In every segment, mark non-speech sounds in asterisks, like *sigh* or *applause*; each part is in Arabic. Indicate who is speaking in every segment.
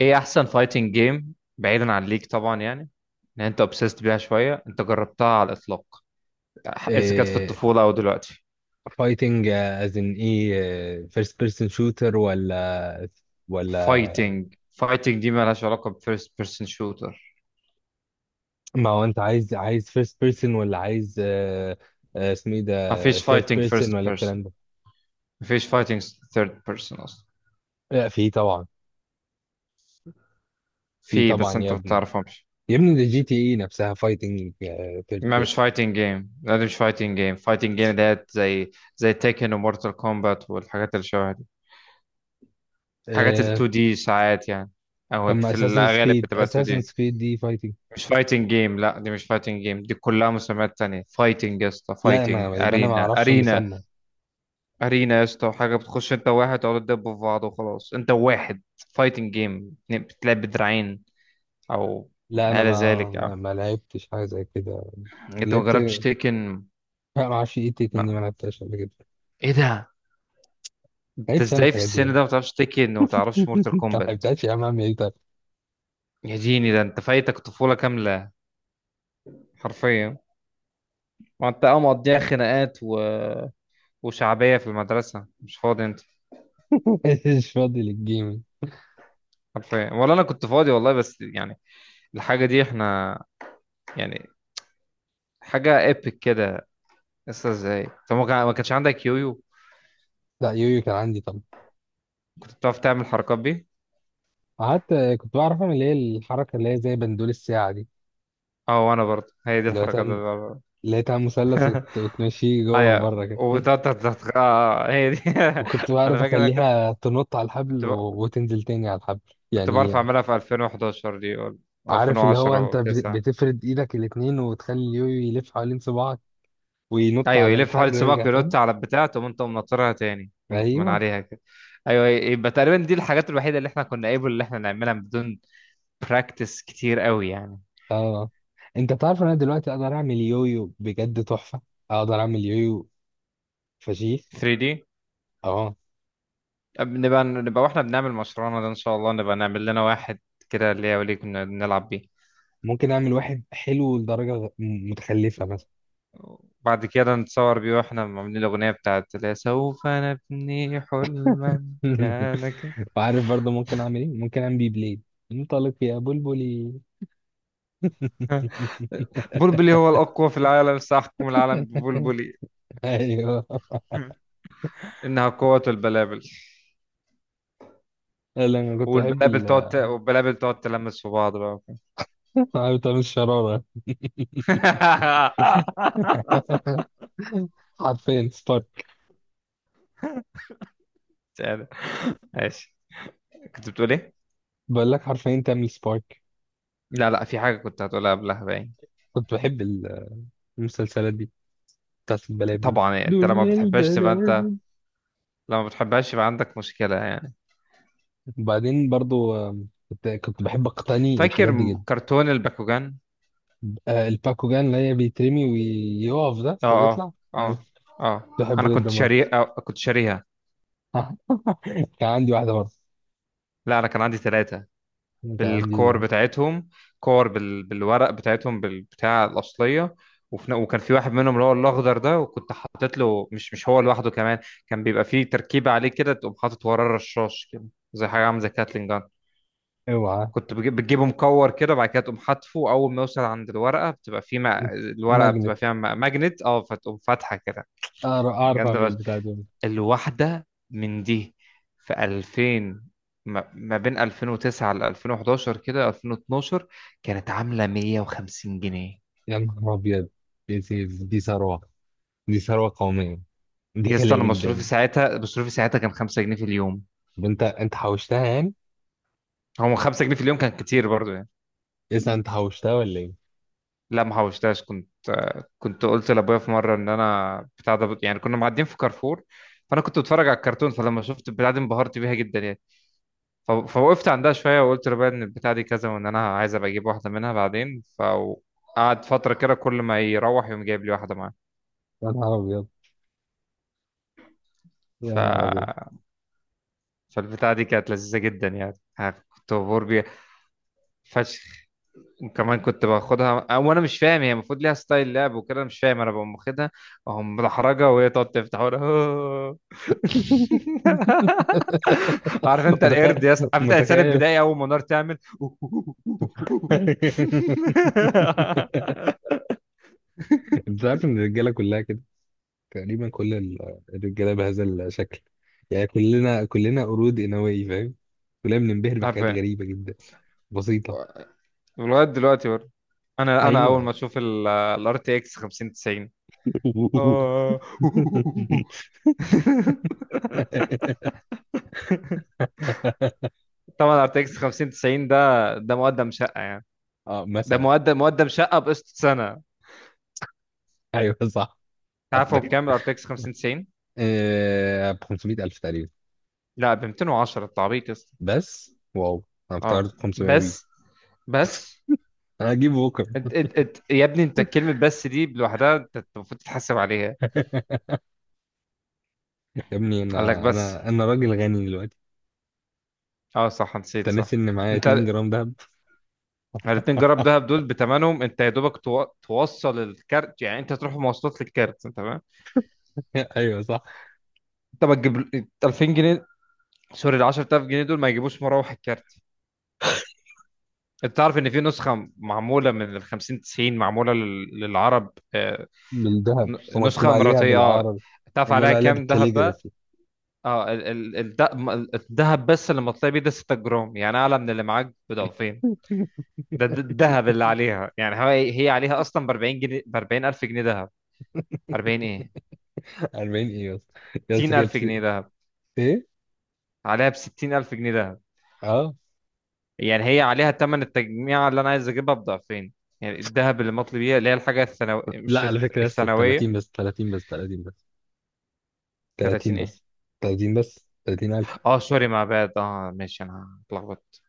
Speaker 1: ايه احسن فايتنج جيم بعيدا عن ليك، طبعا يعني ان انت اوبسيست بيها شويه. انت جربتها على الاطلاق؟ اذا كانت في الطفوله او دلوقتي؟
Speaker 2: فايتنج از ان ايه فيرست بيرسون شوتر ولا؟
Speaker 1: فايتنج دي مالهاش علاقه بفيرست بيرسون شوتر.
Speaker 2: ما هو انت عايز فيرست بيرسون ولا عايز اسمه ايه ده،
Speaker 1: مفيش
Speaker 2: ثيرد
Speaker 1: فايتنج
Speaker 2: بيرسون
Speaker 1: فيرست
Speaker 2: ولا
Speaker 1: بيرسون،
Speaker 2: الكلام ده؟
Speaker 1: مفيش فايتنج ثيرد بيرسون اصلا.
Speaker 2: لا، في طبعا. في
Speaker 1: في،
Speaker 2: طبعا
Speaker 1: بس
Speaker 2: يا
Speaker 1: انت ما
Speaker 2: ابني.
Speaker 1: بتعرفهمش.
Speaker 2: يا ابني ده جي تي اي نفسها فايتنج ثيرد
Speaker 1: ما مش
Speaker 2: بيرسون.
Speaker 1: فايتنج جيم، لا، دي مش فايتنج جيم. فايتنج جيم ديت، زي تيكن ومورتال كومبات والحاجات اللي شبه دي، حاجات ال 2D دي ساعات يعني،
Speaker 2: طب
Speaker 1: او
Speaker 2: ما
Speaker 1: في
Speaker 2: اساسن
Speaker 1: الغالب
Speaker 2: كريد
Speaker 1: بتبقى 2D
Speaker 2: اساسن
Speaker 1: دي.
Speaker 2: كريد دي فايتنج.
Speaker 1: مش فايتنج جيم، لا، دي مش فايتنج جيم، دي كلها مسميات تانية. فايتنج يا اسطى،
Speaker 2: لا انا
Speaker 1: فايتنج
Speaker 2: يبقى انا ما
Speaker 1: ارينا.
Speaker 2: اعرفش
Speaker 1: ارينا
Speaker 2: المسمى.
Speaker 1: ارينا يا اسطى، حاجة بتخش انت وواحد تقعدوا تدبوا في بعض وخلاص، انت وواحد. فايتنج جيم بتلعب بدراعين او
Speaker 2: لا
Speaker 1: ما
Speaker 2: انا
Speaker 1: الى
Speaker 2: ما
Speaker 1: ذلك.
Speaker 2: ما,
Speaker 1: اه.
Speaker 2: ما لعبتش حاجه زي كده.
Speaker 1: انت ما
Speaker 2: لعبت
Speaker 1: جربتش تيكن؟
Speaker 2: لا، ما اعرفش ايه تيك اني، ما
Speaker 1: لا،
Speaker 2: لعبتهاش قبل كده.
Speaker 1: ايه ده، انت
Speaker 2: لعبتش انا
Speaker 1: ازاي في
Speaker 2: الحاجات دي يا
Speaker 1: السن
Speaker 2: ابني.
Speaker 1: ده ما بتعرفش تيكن وما بتعرفش مورتال كومبات؟
Speaker 2: كملتهاش يا عم، اعمل ايه طيب؟
Speaker 1: يا ديني، ده انت فايتك طفولة كاملة، حرفيا. ما انت مقضيها خناقات وشعبية في المدرسة، مش فاضي انت.
Speaker 2: *laughs* مش فاضي للجيمنج.
Speaker 1: حرفيا، ولا انا كنت فاضي والله، بس يعني الحاجه دي احنا يعني حاجه ايبك كده لسه، ازاي؟ طب ما كانش عندك يويو؟
Speaker 2: لا، يويو كان عندي طبعا.
Speaker 1: كنت بتعرف تعمل حركات بيه؟
Speaker 2: قعدت كنت بعرف اعمل اللي هي الحركه، اللي هي زي بندول الساعه دي.
Speaker 1: اه، وانا برضه هي دي
Speaker 2: اللي هو
Speaker 1: الحركات
Speaker 2: تعمل
Speaker 1: اللي بعملها.
Speaker 2: اللي هي تعمل مثلث
Speaker 1: *laughs*
Speaker 2: وتمشيه جوه
Speaker 1: ايوه،
Speaker 2: وبره كده.
Speaker 1: وتقعد
Speaker 2: *laughs*
Speaker 1: تت- اه آه، هي دي. *laughs*
Speaker 2: وكنت
Speaker 1: انا
Speaker 2: بعرف
Speaker 1: فاكر انا
Speaker 2: اخليها تنط على الحبل
Speaker 1: كنت ب...
Speaker 2: وتنزل تاني على الحبل
Speaker 1: كنت
Speaker 2: يعني.
Speaker 1: بعرف اعملها في 2011 دي، ولا
Speaker 2: عارف اللي هو انت
Speaker 1: 2010 و9؟
Speaker 2: بتفرد ايدك الاتنين وتخلي اليويو يلف حوالين صباعك وينط
Speaker 1: ايوه
Speaker 2: على
Speaker 1: يلف حوالي
Speaker 2: الحبل ويرجع
Speaker 1: سباق
Speaker 2: تاني.
Speaker 1: وينط على البتاع، تقوم انت منطرها تاني من
Speaker 2: ايوه.
Speaker 1: عليها كده. ايوه، يبقى تقريبا دي الحاجات الوحيده اللي احنا كنا قابل اللي احنا نعملها بدون براكتس كتير قوي يعني.
Speaker 2: اه. انت تعرف انا دلوقتي اقدر اعمل يويو بجد تحفه. اقدر اعمل يويو فشيخ.
Speaker 1: 3D.
Speaker 2: اه.
Speaker 1: نبقى واحنا بنعمل مشروعنا ده ان شاء الله، نبقى نعمل لنا واحد كده ليا وليك، نلعب بيه.
Speaker 2: ممكن اعمل واحد حلو لدرجه متخلفه مثلا.
Speaker 1: بعد كده نتصور بيه واحنا عاملين الاغنيه بتاعت اللي هي سوف نبني حلما. كان ك-
Speaker 2: *laughs* وعارف برضه ممكن اعمل ايه؟ ممكن اعمل بي بليد. انطلق يا بلبلي.
Speaker 1: *laughs* بلبلي هو الاقوى في العالم، ساحكم العالم
Speaker 2: *laughs*
Speaker 1: ببلبلي.
Speaker 2: ايوه.
Speaker 1: *laughs* انها قوه البلابل.
Speaker 2: لا انا كنت بحب
Speaker 1: والبلابل تقعد تلمس في بعض بقى.
Speaker 2: *laughs* عارف تعمل الشراره،
Speaker 1: *laughs*
Speaker 2: حرفيا سبارك.
Speaker 1: ماشي، كنت بتقول ايه؟
Speaker 2: بقول لك حرفيا تعمل سبارك.
Speaker 1: لا في حاجه كنت هتقولها قبلها باين.
Speaker 2: كنت بحب المسلسلات دي بتاعت البلابل.
Speaker 1: طبعا يعني انت لما
Speaker 2: دنيا
Speaker 1: بتحبهاش تبقى انت،
Speaker 2: البلابل.
Speaker 1: لما بتحبهاش يبقى عندك مشكلة يعني.
Speaker 2: وبعدين برضه كنت بحب اقتني
Speaker 1: فاكر
Speaker 2: الحاجات دي جدا.
Speaker 1: كرتون الباكوجان؟
Speaker 2: الباكوجان اللي هي بيترمي ويقف ده
Speaker 1: اه
Speaker 2: ويطلع.
Speaker 1: اه اه
Speaker 2: كنت
Speaker 1: اه، انا
Speaker 2: بحبه جدا
Speaker 1: كنت
Speaker 2: برضه.
Speaker 1: شاري آه كنت شاريها.
Speaker 2: *laughs* كان عندي واحدة برضه.
Speaker 1: لا، انا كان عندي ثلاثة
Speaker 2: كان عندي
Speaker 1: بالكور بتاعتهم، بالورق بتاعتهم، بالبتاع الأصلية. وكان في واحد منهم اللي هو الأخضر ده، وكنت حاطط له، مش هو لوحده كمان، كان بيبقى فيه تركيبة عليه كده، تقوم حاطط وراه رشاش كده، زي حاجة عاملة زي كاتلين جان.
Speaker 2: اوعى،
Speaker 1: كنت بجيب بتجيبه مكور كده، بعد كده تقوم حاطفه، اول ما يوصل عند الورقه بتبقى فيه ما... الورقه
Speaker 2: ماجنت.
Speaker 1: بتبقى فيها ماجنت، اه، فتقوم فاتحه كده.
Speaker 2: أعرف
Speaker 1: جامده
Speaker 2: اعمل
Speaker 1: بس.
Speaker 2: البتاع دي.
Speaker 1: الواحده من دي في 2000، ما بين 2009 ل 2011 كده 2012، كانت عامله 150 جنيه.
Speaker 2: يا نهار ابيض، دي ثروة. دي ثروة قومية. دي
Speaker 1: يا اسطى انا
Speaker 2: غالية جدا.
Speaker 1: مصروفي ساعتها كان 5 جنيه في اليوم.
Speaker 2: طب انت حوشتها يعني؟
Speaker 1: هو 5 جنيه في اليوم كان كتير برضه.
Speaker 2: اذا انت حوشتها ولا ايه؟
Speaker 1: لا، ما حوشتهاش. كنت قلت لابويا في مره ان انا بتاع ده يعني. كنا معديين في كارفور، فانا كنت بتفرج على الكرتون، فلما شفت البتاع دي انبهرت بيها جدا يعني. فوقفت عندها شويه وقلت لابويا ان البتاع دي كذا، وان انا عايز ابقى اجيب واحده منها بعدين. فقعد فتره كده كل ما يروح يقوم جايب لي واحده معاه.
Speaker 2: يا نهار ابيض. يا
Speaker 1: ف...
Speaker 2: نهار ابيض.
Speaker 1: فالبتاع دي كانت لذيذه جدا يعني، ها، كنت مبهور بيها فشخ. وكمان كنت باخدها أه، وانا مش فاهم هي المفروض ليها ستايل لعب وكده، أنا مش فاهم، انا بقوم واخدها، اقوم محرجه وهي تقعد تفتح وانا. *laughs* عارف
Speaker 2: *laughs*
Speaker 1: انت
Speaker 2: متخيل،
Speaker 1: القرد يا اسطى، عارف انت الانسان
Speaker 2: متخيل. *laughs*
Speaker 1: البدائي اول ما النار تعمل. *laughs*
Speaker 2: انت عارف ان الرجاله كلها كده تقريبا. كل الرجاله بهذا الشكل يعني. كلنا قرود انوي فاهم. كلنا بننبهر بحاجات
Speaker 1: عارفين.
Speaker 2: غريبه جدا بسيطه.
Speaker 1: ولغايه دلوقتي برضه، انا اول
Speaker 2: ايوه.
Speaker 1: ما اشوف الار تي اكس 5090.
Speaker 2: *laughs*
Speaker 1: آه. *laughs* طبعا ار تي اكس 5090 ده، مقدم شقه يعني،
Speaker 2: اه،
Speaker 1: ده
Speaker 2: مثلا.
Speaker 1: مقدم شقه بقسط سنه.
Speaker 2: ايوه صح.
Speaker 1: عارف هو
Speaker 2: عندك
Speaker 1: بكام الار تي اكس 5090؟
Speaker 2: ب 500 الف تقريبا.
Speaker 1: لا، ب 210، انت عبيط يا اسطى.
Speaker 2: بس واو، انا
Speaker 1: اه
Speaker 2: افتكرت 500 وي.
Speaker 1: بس بس
Speaker 2: انا هجيبه بكره.
Speaker 1: انت يا ابني، انت كلمة بس دي لوحدها انت المفروض تتحاسب عليها.
Speaker 2: *laughs* يا ابني،
Speaker 1: قال لك
Speaker 2: انا
Speaker 1: بس.
Speaker 2: انا راجل غني دلوقتي.
Speaker 1: اه صح نسيت،
Speaker 2: انت
Speaker 1: صح.
Speaker 2: ناسي ان معايا 2
Speaker 1: انت
Speaker 2: جرام دهب.
Speaker 1: الاتنين جراب
Speaker 2: *laughs*
Speaker 1: دهب دول بتمنهم انت يا دوبك توصل الكارت يعني، انت تروح مواصلات للكارت، انت تمام.
Speaker 2: ايوه صح،
Speaker 1: انت ما تجيب ال 2000 جنيه، سوري، ال 10,000 جنيه دول ما يجيبوش مراوح الكارت. انت تعرف ان في نسخة معمولة من ال 50 90 معمولة للعرب آه،
Speaker 2: بالذهب ومكتوب
Speaker 1: نسخة
Speaker 2: عليها
Speaker 1: مرتين، اه.
Speaker 2: بالعربي.
Speaker 1: تعرف
Speaker 2: معمول
Speaker 1: عليها
Speaker 2: عليها
Speaker 1: كام ذهب بقى؟
Speaker 2: بالكاليجرافي.
Speaker 1: اه الذهب بس اللي مطلع بيه ده 6 جرام يعني، اعلى من اللي معاك بضعفين. ده الذهب اللي عليها يعني. هي عليها اصلا ب 40 جنيه ب 40 الف جنيه ذهب. 40 ايه،
Speaker 2: *laughs* 40 ايه؟ يا اسطى،
Speaker 1: 60
Speaker 2: يا
Speaker 1: الف
Speaker 2: اسطى كده.
Speaker 1: جنيه
Speaker 2: بس-
Speaker 1: ذهب،
Speaker 2: ايه؟
Speaker 1: عليها ب 60 الف جنيه ذهب.
Speaker 2: اه
Speaker 1: يعني هي عليها ثمن التجميع اللي انا عايز اجيبها بضعفين، يعني الذهب اللي مطلوب بيه اللي هي الحاجة الثانوية
Speaker 2: لا،
Speaker 1: مش
Speaker 2: على فكره يا اسطى، 30
Speaker 1: الثانوية.
Speaker 2: بس، 30 بس، 30 بس، 30
Speaker 1: 30 ايه.
Speaker 2: بس، 30 بس، 30.
Speaker 1: اه سوري مع بعض، اه ماشي انا اتلخبطت،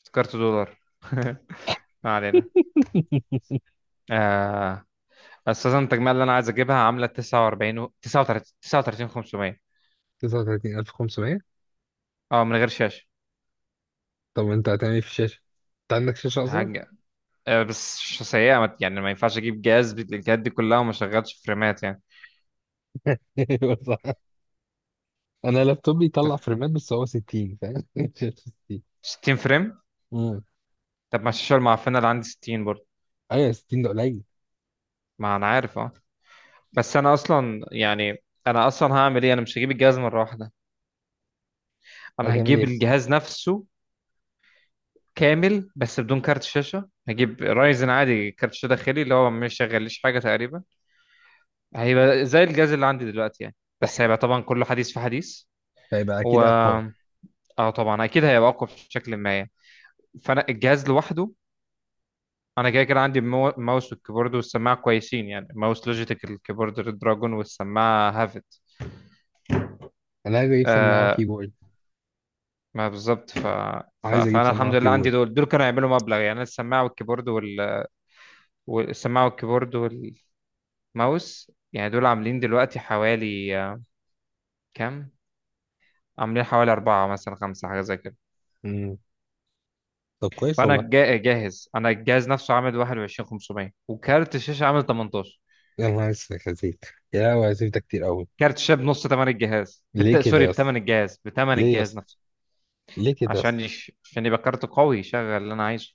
Speaker 1: افتكرت دولار. *laughs* ما علينا. آه. اساسا التجميع اللي انا عايز اجيبها عامله 39 500،
Speaker 2: 39,500.
Speaker 1: اه، من غير شاشه.
Speaker 2: طب انت هتعمل ايه في الشاشة؟ انت عندك شاشة اصلا؟
Speaker 1: حاجه آه، بس سيئه، يعني ما ينفعش اجيب جهاز بالامكانيات دي كلها وما شغلش فريمات يعني.
Speaker 2: *laughs* ايوه صح. انا لابتوب
Speaker 1: أنت
Speaker 2: بيطلع
Speaker 1: فاهم؟
Speaker 2: فريمات بس هو 60 فاهم؟ *laughs* شاشة 60.
Speaker 1: 60 فريم.
Speaker 2: امم،
Speaker 1: طب ما الشاشه المعفنه اللي عندي 60 برضه.
Speaker 2: ايوه 60 ده قليل.
Speaker 1: ما انا عارف، اه. بس انا اصلا هعمل ايه، انا مش هجيب الجهاز مره واحده، انا
Speaker 2: هتعمل
Speaker 1: هجيب
Speaker 2: ايه؟
Speaker 1: الجهاز نفسه كامل بس بدون كارت شاشه، هجيب رايزن عادي كارت شاشه داخلي اللي هو ما يشغليش حاجه تقريبا، هيبقى زي الجهاز اللي عندي دلوقتي يعني، بس هيبقى
Speaker 2: *laughs*
Speaker 1: طبعا كل حديث في حديث.
Speaker 2: هيبقى
Speaker 1: و
Speaker 2: اكيد اقوى.
Speaker 1: اه طبعا اكيد هيبقى اقوى بشكل ما يعني. فانا الجهاز لوحده، انا كده عندي الماوس والكيبورد والسماعه كويسين يعني، ماوس لوجيتك، الكيبورد ريد دراجون، والسماعه هافت.
Speaker 2: انا عايز اجيب سماعة
Speaker 1: آه،
Speaker 2: وكيبورد.
Speaker 1: ما بالظبط.
Speaker 2: عايز اجيب
Speaker 1: فانا
Speaker 2: سماعة
Speaker 1: الحمد لله عندي
Speaker 2: وكيبورد.
Speaker 1: دول كانوا يعملوا مبلغ يعني. أنا والسماعه والكيبورد والماوس يعني دول عاملين دلوقتي حوالي آه، كام، عاملين حوالي أربعة مثلا خمسة، حاجة زي كده.
Speaker 2: امم، طب كويس
Speaker 1: فانا
Speaker 2: والله.
Speaker 1: جاهز، انا الجهاز نفسه عامل 21,500، وكارت الشاشه عامل 18.
Speaker 2: يا نهار اسود يا سيف. يا هو يا سيف، ده كتير قوي.
Speaker 1: كارت الشاشه بنص ثمن الجهاز، بت...
Speaker 2: ليه كده
Speaker 1: سوري
Speaker 2: يا اسطى؟
Speaker 1: بثمن الجهاز، بثمن
Speaker 2: ليه يا
Speaker 1: الجهاز
Speaker 2: اسطى؟
Speaker 1: نفسه.
Speaker 2: ليه كده يا اسطى؟
Speaker 1: عشان يبقى كارت قوي يشغل اللي انا عايزه.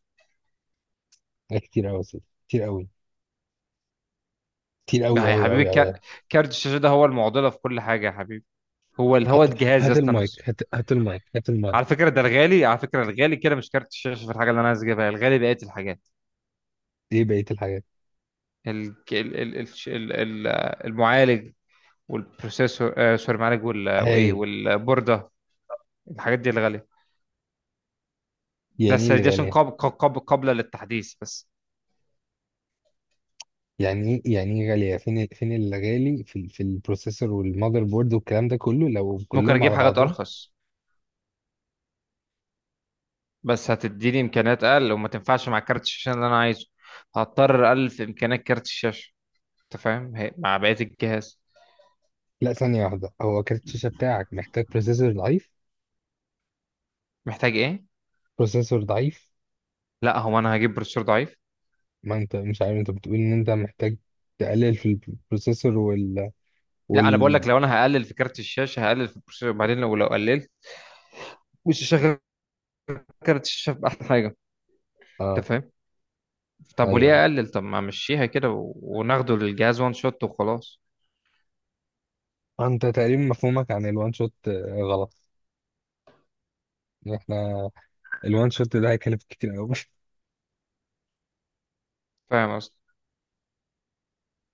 Speaker 2: ده كتير قوي يا سيف. كتير قوي. كتير قوي
Speaker 1: ما هي يا
Speaker 2: قوي
Speaker 1: حبيبي،
Speaker 2: قوي قوي.
Speaker 1: كارت الشاشه ده هو المعضله في كل حاجه يا حبيبي، هو
Speaker 2: هات،
Speaker 1: الجهاز يا
Speaker 2: هات
Speaker 1: اسطى نفسه.
Speaker 2: المايك، هات، هات المايك، هات المايك.
Speaker 1: على فكره ده الغالي، على فكره الغالي كده مش كارت الشاشه في الحاجه اللي انا عايز اجيبها، الغالي بقيه الحاجات.
Speaker 2: ايه بقية الحاجات؟
Speaker 1: ال... ال... ال... ال... ال... ال- المعالج والبروسيسور آه سوري المعالج وايه
Speaker 2: هاي.
Speaker 1: والبورده. الحاجات دي الغاليه،
Speaker 2: يعني ايه
Speaker 1: بس دي
Speaker 2: اللي
Speaker 1: عشان
Speaker 2: غالية؟
Speaker 1: قابلة للتحديث بس.
Speaker 2: يعني ايه؟ يعني ايه غالية؟ فين فين اللي غالي في في البروسيسور والمذر بورد والكلام ده كله لو
Speaker 1: ممكن
Speaker 2: كلهم
Speaker 1: اجيب
Speaker 2: على
Speaker 1: حاجات
Speaker 2: بعضهم.
Speaker 1: ارخص، بس هتديني امكانيات اقل وما تنفعش مع كارت الشاشة اللي انا عايزه. هضطر الف امكانيات كارت الشاشة انت فاهم، مع بقية الجهاز.
Speaker 2: لا، ثانية واحدة، هو كارت الشاشة بتاعك محتاج بروسيسور ضعيف؟
Speaker 1: محتاج ايه؟
Speaker 2: بروسيسور ضعيف.
Speaker 1: لا، هو انا هجيب بروسيسور ضعيف.
Speaker 2: ما انت مش عارف، انت بتقول ان انت محتاج تقلل في البروسيسور وال
Speaker 1: لا، انا بقول لك
Speaker 2: وال
Speaker 1: لو انا هقلل في كارت الشاشة هقلل في البروسيسور بعدين، لو قللت مش هشغل كارت الشاشة باحلى حاجة.
Speaker 2: اه.
Speaker 1: انت فاهم؟ طب
Speaker 2: ايوه،
Speaker 1: وليه اقلل؟ طب ما امشيها كده وناخده للجهاز وان شوت وخلاص.
Speaker 2: انت تقريبا مفهومك عن الوان شوت غلط. احنا الوان شوت ده هيكلف كتير قوي.
Speaker 1: فاهم قصدي.